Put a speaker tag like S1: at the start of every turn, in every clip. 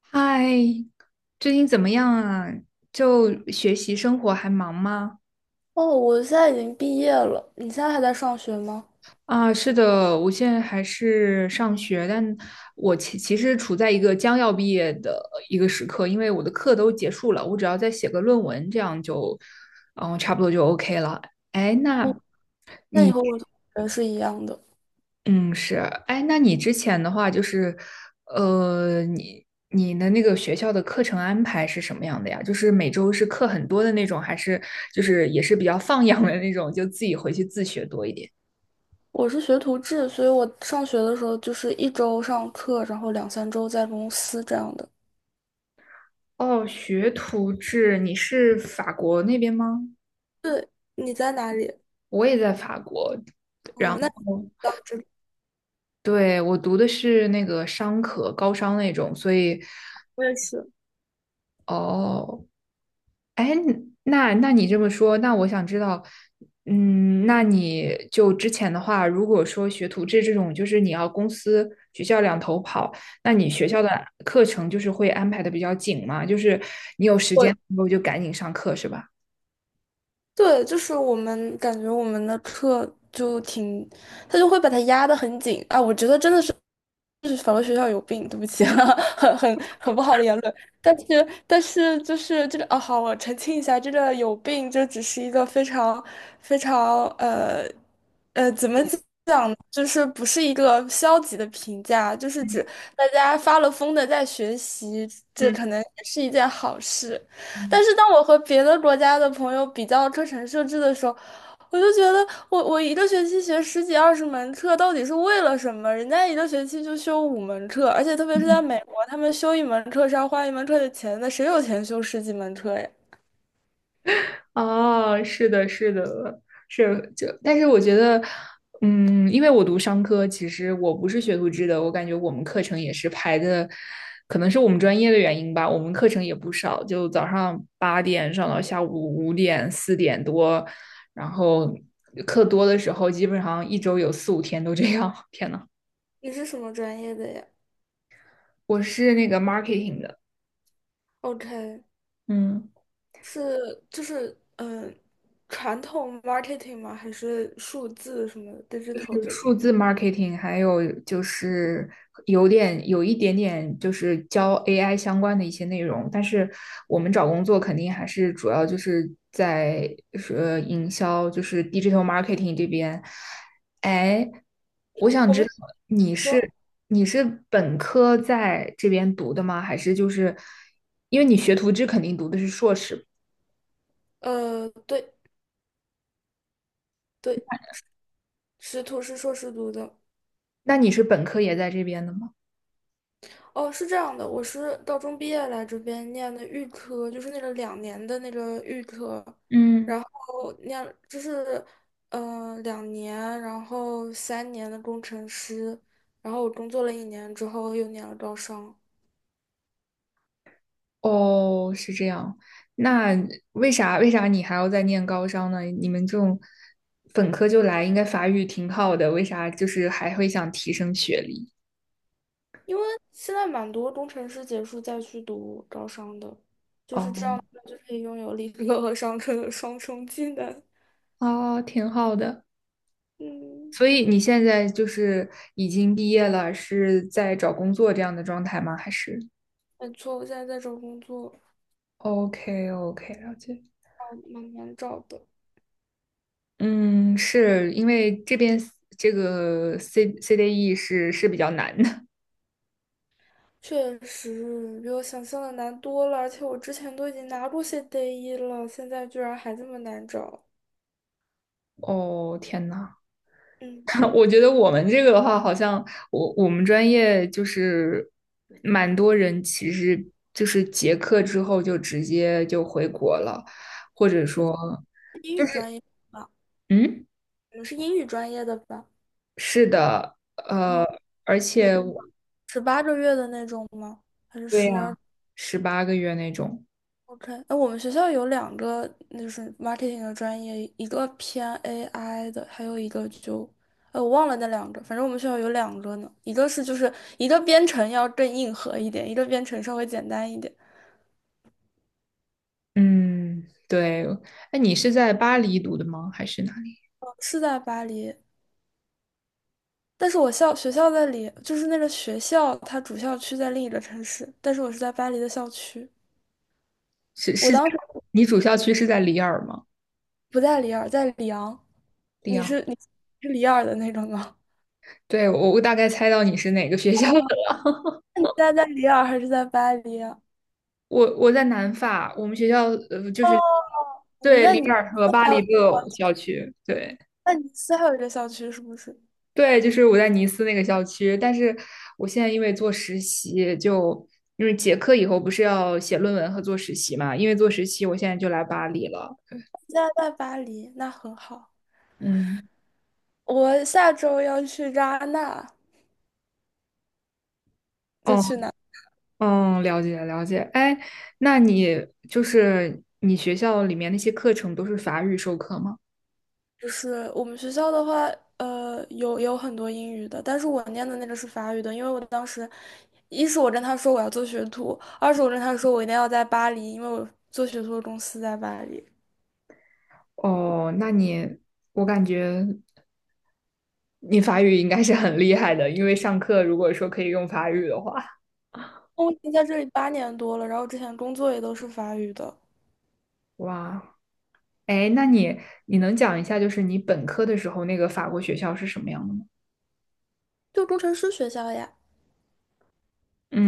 S1: 嗨，最近怎么样啊？就学习生活还忙吗？
S2: 哦，我现在已经毕业了，你现在还在上学吗？
S1: 啊，是的，我现在还是上学，但我其实处在一个将要毕业的一个时刻，因为我的课都结束了，我只要再写个论文，这样就，差不多就 OK 了。哎，那
S2: 嗯，那你
S1: 你？
S2: 和我同学是一样的。
S1: 嗯，是，哎，那你之前的话就是，你的那个学校的课程安排是什么样的呀？就是每周是课很多的那种，还是就是也是比较放养的那种，就自己回去自学多一点？
S2: 我是学徒制，所以我上学的时候就是一周上课，然后2 3周在公司这样的。
S1: 哦，学徒制，你是法国那边吗？
S2: 你在哪里？
S1: 我也在法国，然
S2: 哦，
S1: 后
S2: 那你到这里，
S1: 对，我读的是那个商科，高商那种，所以，
S2: 我也是。
S1: 哦，哎，那你这么说，那我想知道，嗯，那你就之前的话，如果说学徒制这种，就是你要公司、学校两头跑，那你学校的课程就是会安排的比较紧吗？就是你有时
S2: 我
S1: 间的时候就赶紧上课，是吧？
S2: 对，就是我们感觉我们的课就挺，他就会把它压得很紧啊。我觉得真的是就是反正学校有病，对不起啊，很不好的言论。但是就是这个啊，好，我澄清一下，这个有病就只是一个非常非常呃怎么就是不是一个消极的评价，就是
S1: 嗯
S2: 指大家发了疯的在学习，这可能也是一件好事。
S1: 嗯。
S2: 但是当我和别的国家的朋友比较课程设置的时候，我就觉得我一个学期学十几二十门课，到底是为了什么？人家一个学期就修5门课，而且特别是在美国，他们修一门课是要花一门课的钱的，谁有钱修十几门课呀？
S1: 哦，是的，是的，是就，但是我觉得，嗯，因为我读商科，其实我不是学图制的，我感觉我们课程也是排的，可能是我们专业的原因吧，我们课程也不少，就早上八点上到下午五点四点多，然后课多的时候，基本上一周有四五天都这样。天呐，
S2: 你是什么专业的呀
S1: 我是那个 marketing 的，
S2: ？OK，
S1: 嗯。
S2: 是就是传统 marketing 吗？还是数字什么 digital 这里？
S1: 数字 marketing,还有就是有一点点就是教 AI 相关的一些内容，但是我们找工作肯定还是主要就是在营销，就是 digital marketing 这边。哎，我想
S2: 我
S1: 知
S2: 们
S1: 道你
S2: 说
S1: 是你是本科在这边读的吗？还是就是因为你学徒制肯定读的是硕士，
S2: 呃，对对，师徒是硕士读的。
S1: 那你是本科也在这边的吗？
S2: 哦，是这样的，我是高中毕业来这边念的预科，就是那个两年的那个预科，
S1: 嗯，
S2: 然后念就是两年，然后3年的工程师，然后我工作了1年之后又念了招商。
S1: 哦，是这样。那为啥你还要再念高商呢？你们这种本科就来，应该法语挺好的，为啥就是还会想提升学历？
S2: 因为现在蛮多工程师结束再去读招商的，就是这
S1: 哦，
S2: 样，就可以拥有理科和商科的双重技能。
S1: 啊，挺好的。
S2: 嗯，
S1: 所以你现在就是已经毕业了，是在找工作这样的状态吗？还是
S2: 没错，我现在在找工作，
S1: ？OK OK,了解。
S2: 哦，蛮难找的，
S1: 嗯，是因为这边这个 CDE 是比较难的。
S2: 确实比我想象的难多了。而且我之前都已经拿过些 DA1了，现在居然还这么难找。
S1: 哦，天呐。
S2: 嗯，
S1: 我觉得我们这个的话，好像我们专业就是蛮多人，其实就是结课之后就直接就回国了，或者说
S2: 英
S1: 就
S2: 语专
S1: 是
S2: 业吧，
S1: 嗯，
S2: 你们是英语专业的吧？
S1: 是的，
S2: 嗯，
S1: 而且
S2: 18个月的那种吗？还是
S1: 对
S2: 十
S1: 呀，
S2: 二？
S1: 十八个月那种，
S2: OK，哎，我们学校有两个就是 marketing 的专业，一个偏 AI 的，还有一个就，哎，我忘了那两个，反正我们学校有两个呢，一个是就是一个编程要更硬核一点，一个编程稍微简单一点，
S1: 嗯，对。那你是在巴黎读的吗？还是哪里？
S2: 是在巴黎，但是我校学校在里，就是那个学校它主校区在另一个城市，但是我是在巴黎的校区，
S1: 是
S2: 我
S1: 是在
S2: 当时
S1: 你主校区是在里尔吗？
S2: 不在里尔，在里昂，
S1: 里
S2: 你
S1: 昂。
S2: 是你是里尔的那种吗？
S1: 对，我大概猜到你是哪个学校的。
S2: 那你现在在里尔还是在巴黎啊？
S1: 我在南法，我们学校就
S2: 哦，
S1: 是
S2: 你们
S1: 对
S2: 在尼
S1: 里
S2: 你
S1: 尔和巴
S2: 还
S1: 黎
S2: 有，
S1: 都有校区，对
S2: 那你斯还有一个校区是不是？
S1: 对，就是我在尼斯那个校区，但是我现在因为做实习就。因为结课以后不是要写论文和做实习嘛，因为做实习，我现在就来巴黎了。
S2: 现在在巴黎，那很好。
S1: 嗯，
S2: 我下周要去扎那，就
S1: 哦，
S2: 去哪？
S1: 嗯，了解了解。哎，那你就是你学校里面那些课程都是法语授课吗？
S2: 就是我们学校的话，呃，有很多英语的，但是我念的那个是法语的，因为我当时，一是我跟他说我要做学徒，二是我跟他说我一定要在巴黎，因为我做学徒的公司在巴黎。
S1: 哦，我感觉你法语应该是很厉害的，因为上课如果说可以用法语的话，
S2: 我已经在这里8年多了，然后之前工作也都是法语的，
S1: 哇，哎，那你能讲一下，就是你本科的时候那个法国学校是什么样的吗？
S2: 就工程师学校呀。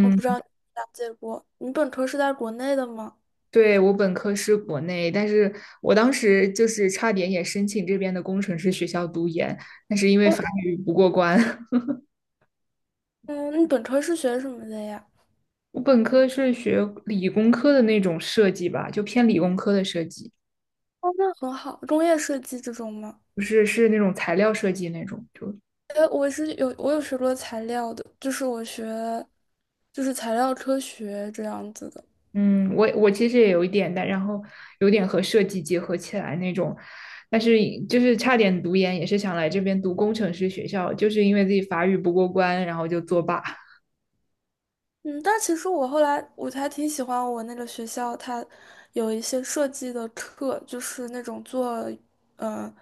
S2: 我不知道你了解过，你本科是在国内的吗？
S1: 对，我本科是国内，但是我当时就是差点也申请这边的工程师学校读研，但是因为
S2: 哦
S1: 法语不过关。
S2: 嗯，你本科是学什么的呀？
S1: 我本科是学理工科的那种设计吧，就偏理工科的设计，
S2: 哦，那很好，工业设计这种吗？
S1: 不是是那种材料设计那种，就
S2: 呃，我有学过材料的，就是我学就是材料科学这样子的。
S1: 嗯，我其实也有一点的，然后有点和设计结合起来那种，但是就是差点读研，也是想来这边读工程师学校，就是因为自己法语不过关，然后就作罢。
S2: 嗯，但其实我后来我还挺喜欢我那个学校，它有一些设计的课，就是那种做呃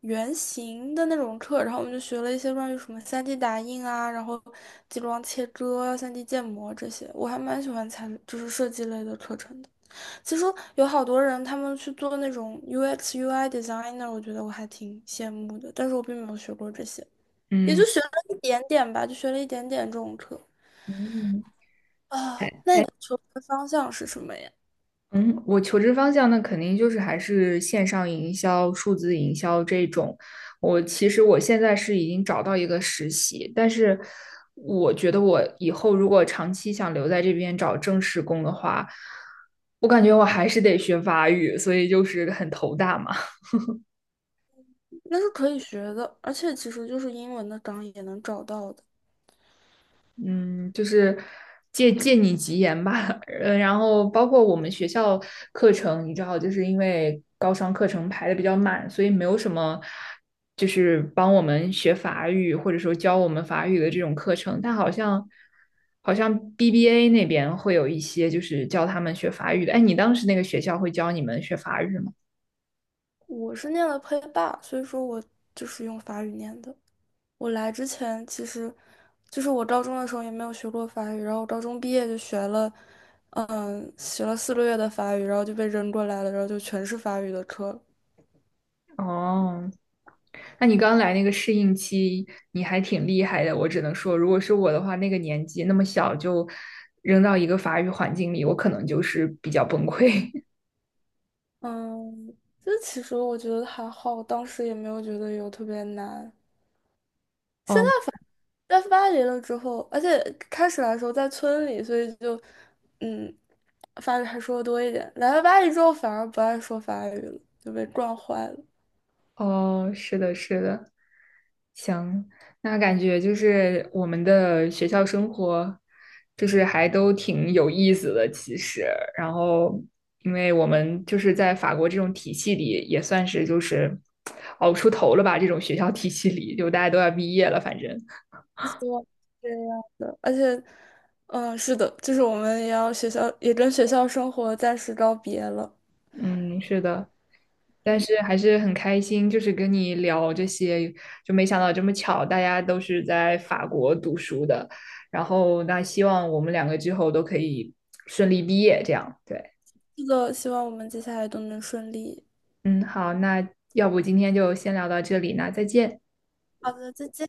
S2: 原型的那种课，然后我们就学了一些关于什么 3D 打印啊，然后激光切割啊、3D 建模这些，我还蛮喜欢参就是设计类的课程的。其实有好多人他们去做那种 UX、UI designer，我觉得我还挺羡慕的，但是我并没有学过这些，也就
S1: 嗯
S2: 学了一点点吧，就学了一点点这种课。
S1: 嗯，
S2: 啊，
S1: 哎
S2: 那
S1: 哎
S2: 你求职方向是什么呀？
S1: 嗯，我求职方向那肯定就是还是线上营销、数字营销这种。我其实我现在是已经找到一个实习，但是我觉得我以后如果长期想留在这边找正式工的话，我感觉我还是得学法语，所以就是很头大嘛。
S2: 那是可以学的，而且其实就是英文的岗也能找到的。
S1: 嗯，就是借借你吉言吧。然后包括我们学校课程，你知道，就是因为高商课程排的比较满，所以没有什么就是帮我们学法语或者说教我们法语的这种课程。但好像 BBA 那边会有一些就是教他们学法语的。哎，你当时那个学校会教你们学法语吗？
S2: 我是念了配霸，所以说我就是用法语念的。我来之前其实就是我高中的时候也没有学过法语，然后我高中毕业就学了，嗯，学了4个月的法语，然后就被扔过来了，然后就全是法语的课了。
S1: 哦，那你刚来那个适应期，你还挺厉害的。我只能说，如果是我的话，那个年纪那么小就扔到一个法语环境里，我可能就是比较崩溃。
S2: 嗯，这其实我觉得还好，当时也没有觉得有特别难。
S1: 哦
S2: 在巴黎了之后，而且开始来时候在村里，所以就嗯，法语还说的多一点。来了巴黎之后，反而不爱说法语了，就被惯坏了。
S1: 哦，是的，是的，行。那感觉就是我们的学校生活，就是还都挺有意思的，其实。然后，因为我们就是在法国这种体系里，也算是就是 熬出头了吧。这种学校体系里，就大家都要毕业了，反正。
S2: 希望是这样的，而且，嗯，是的，就是我们也要学校也跟学校生活暂时告别了。
S1: 嗯，是的，但是还是很开心，就是跟你聊这些，就没想到这么巧，大家都是在法国读书的，然后那希望我们两个之后都可以顺利毕业，这样，对，
S2: 是的，希望我们接下来都能顺利。
S1: 嗯，好，那要不今天就先聊到这里，那再见。
S2: 好的，再见。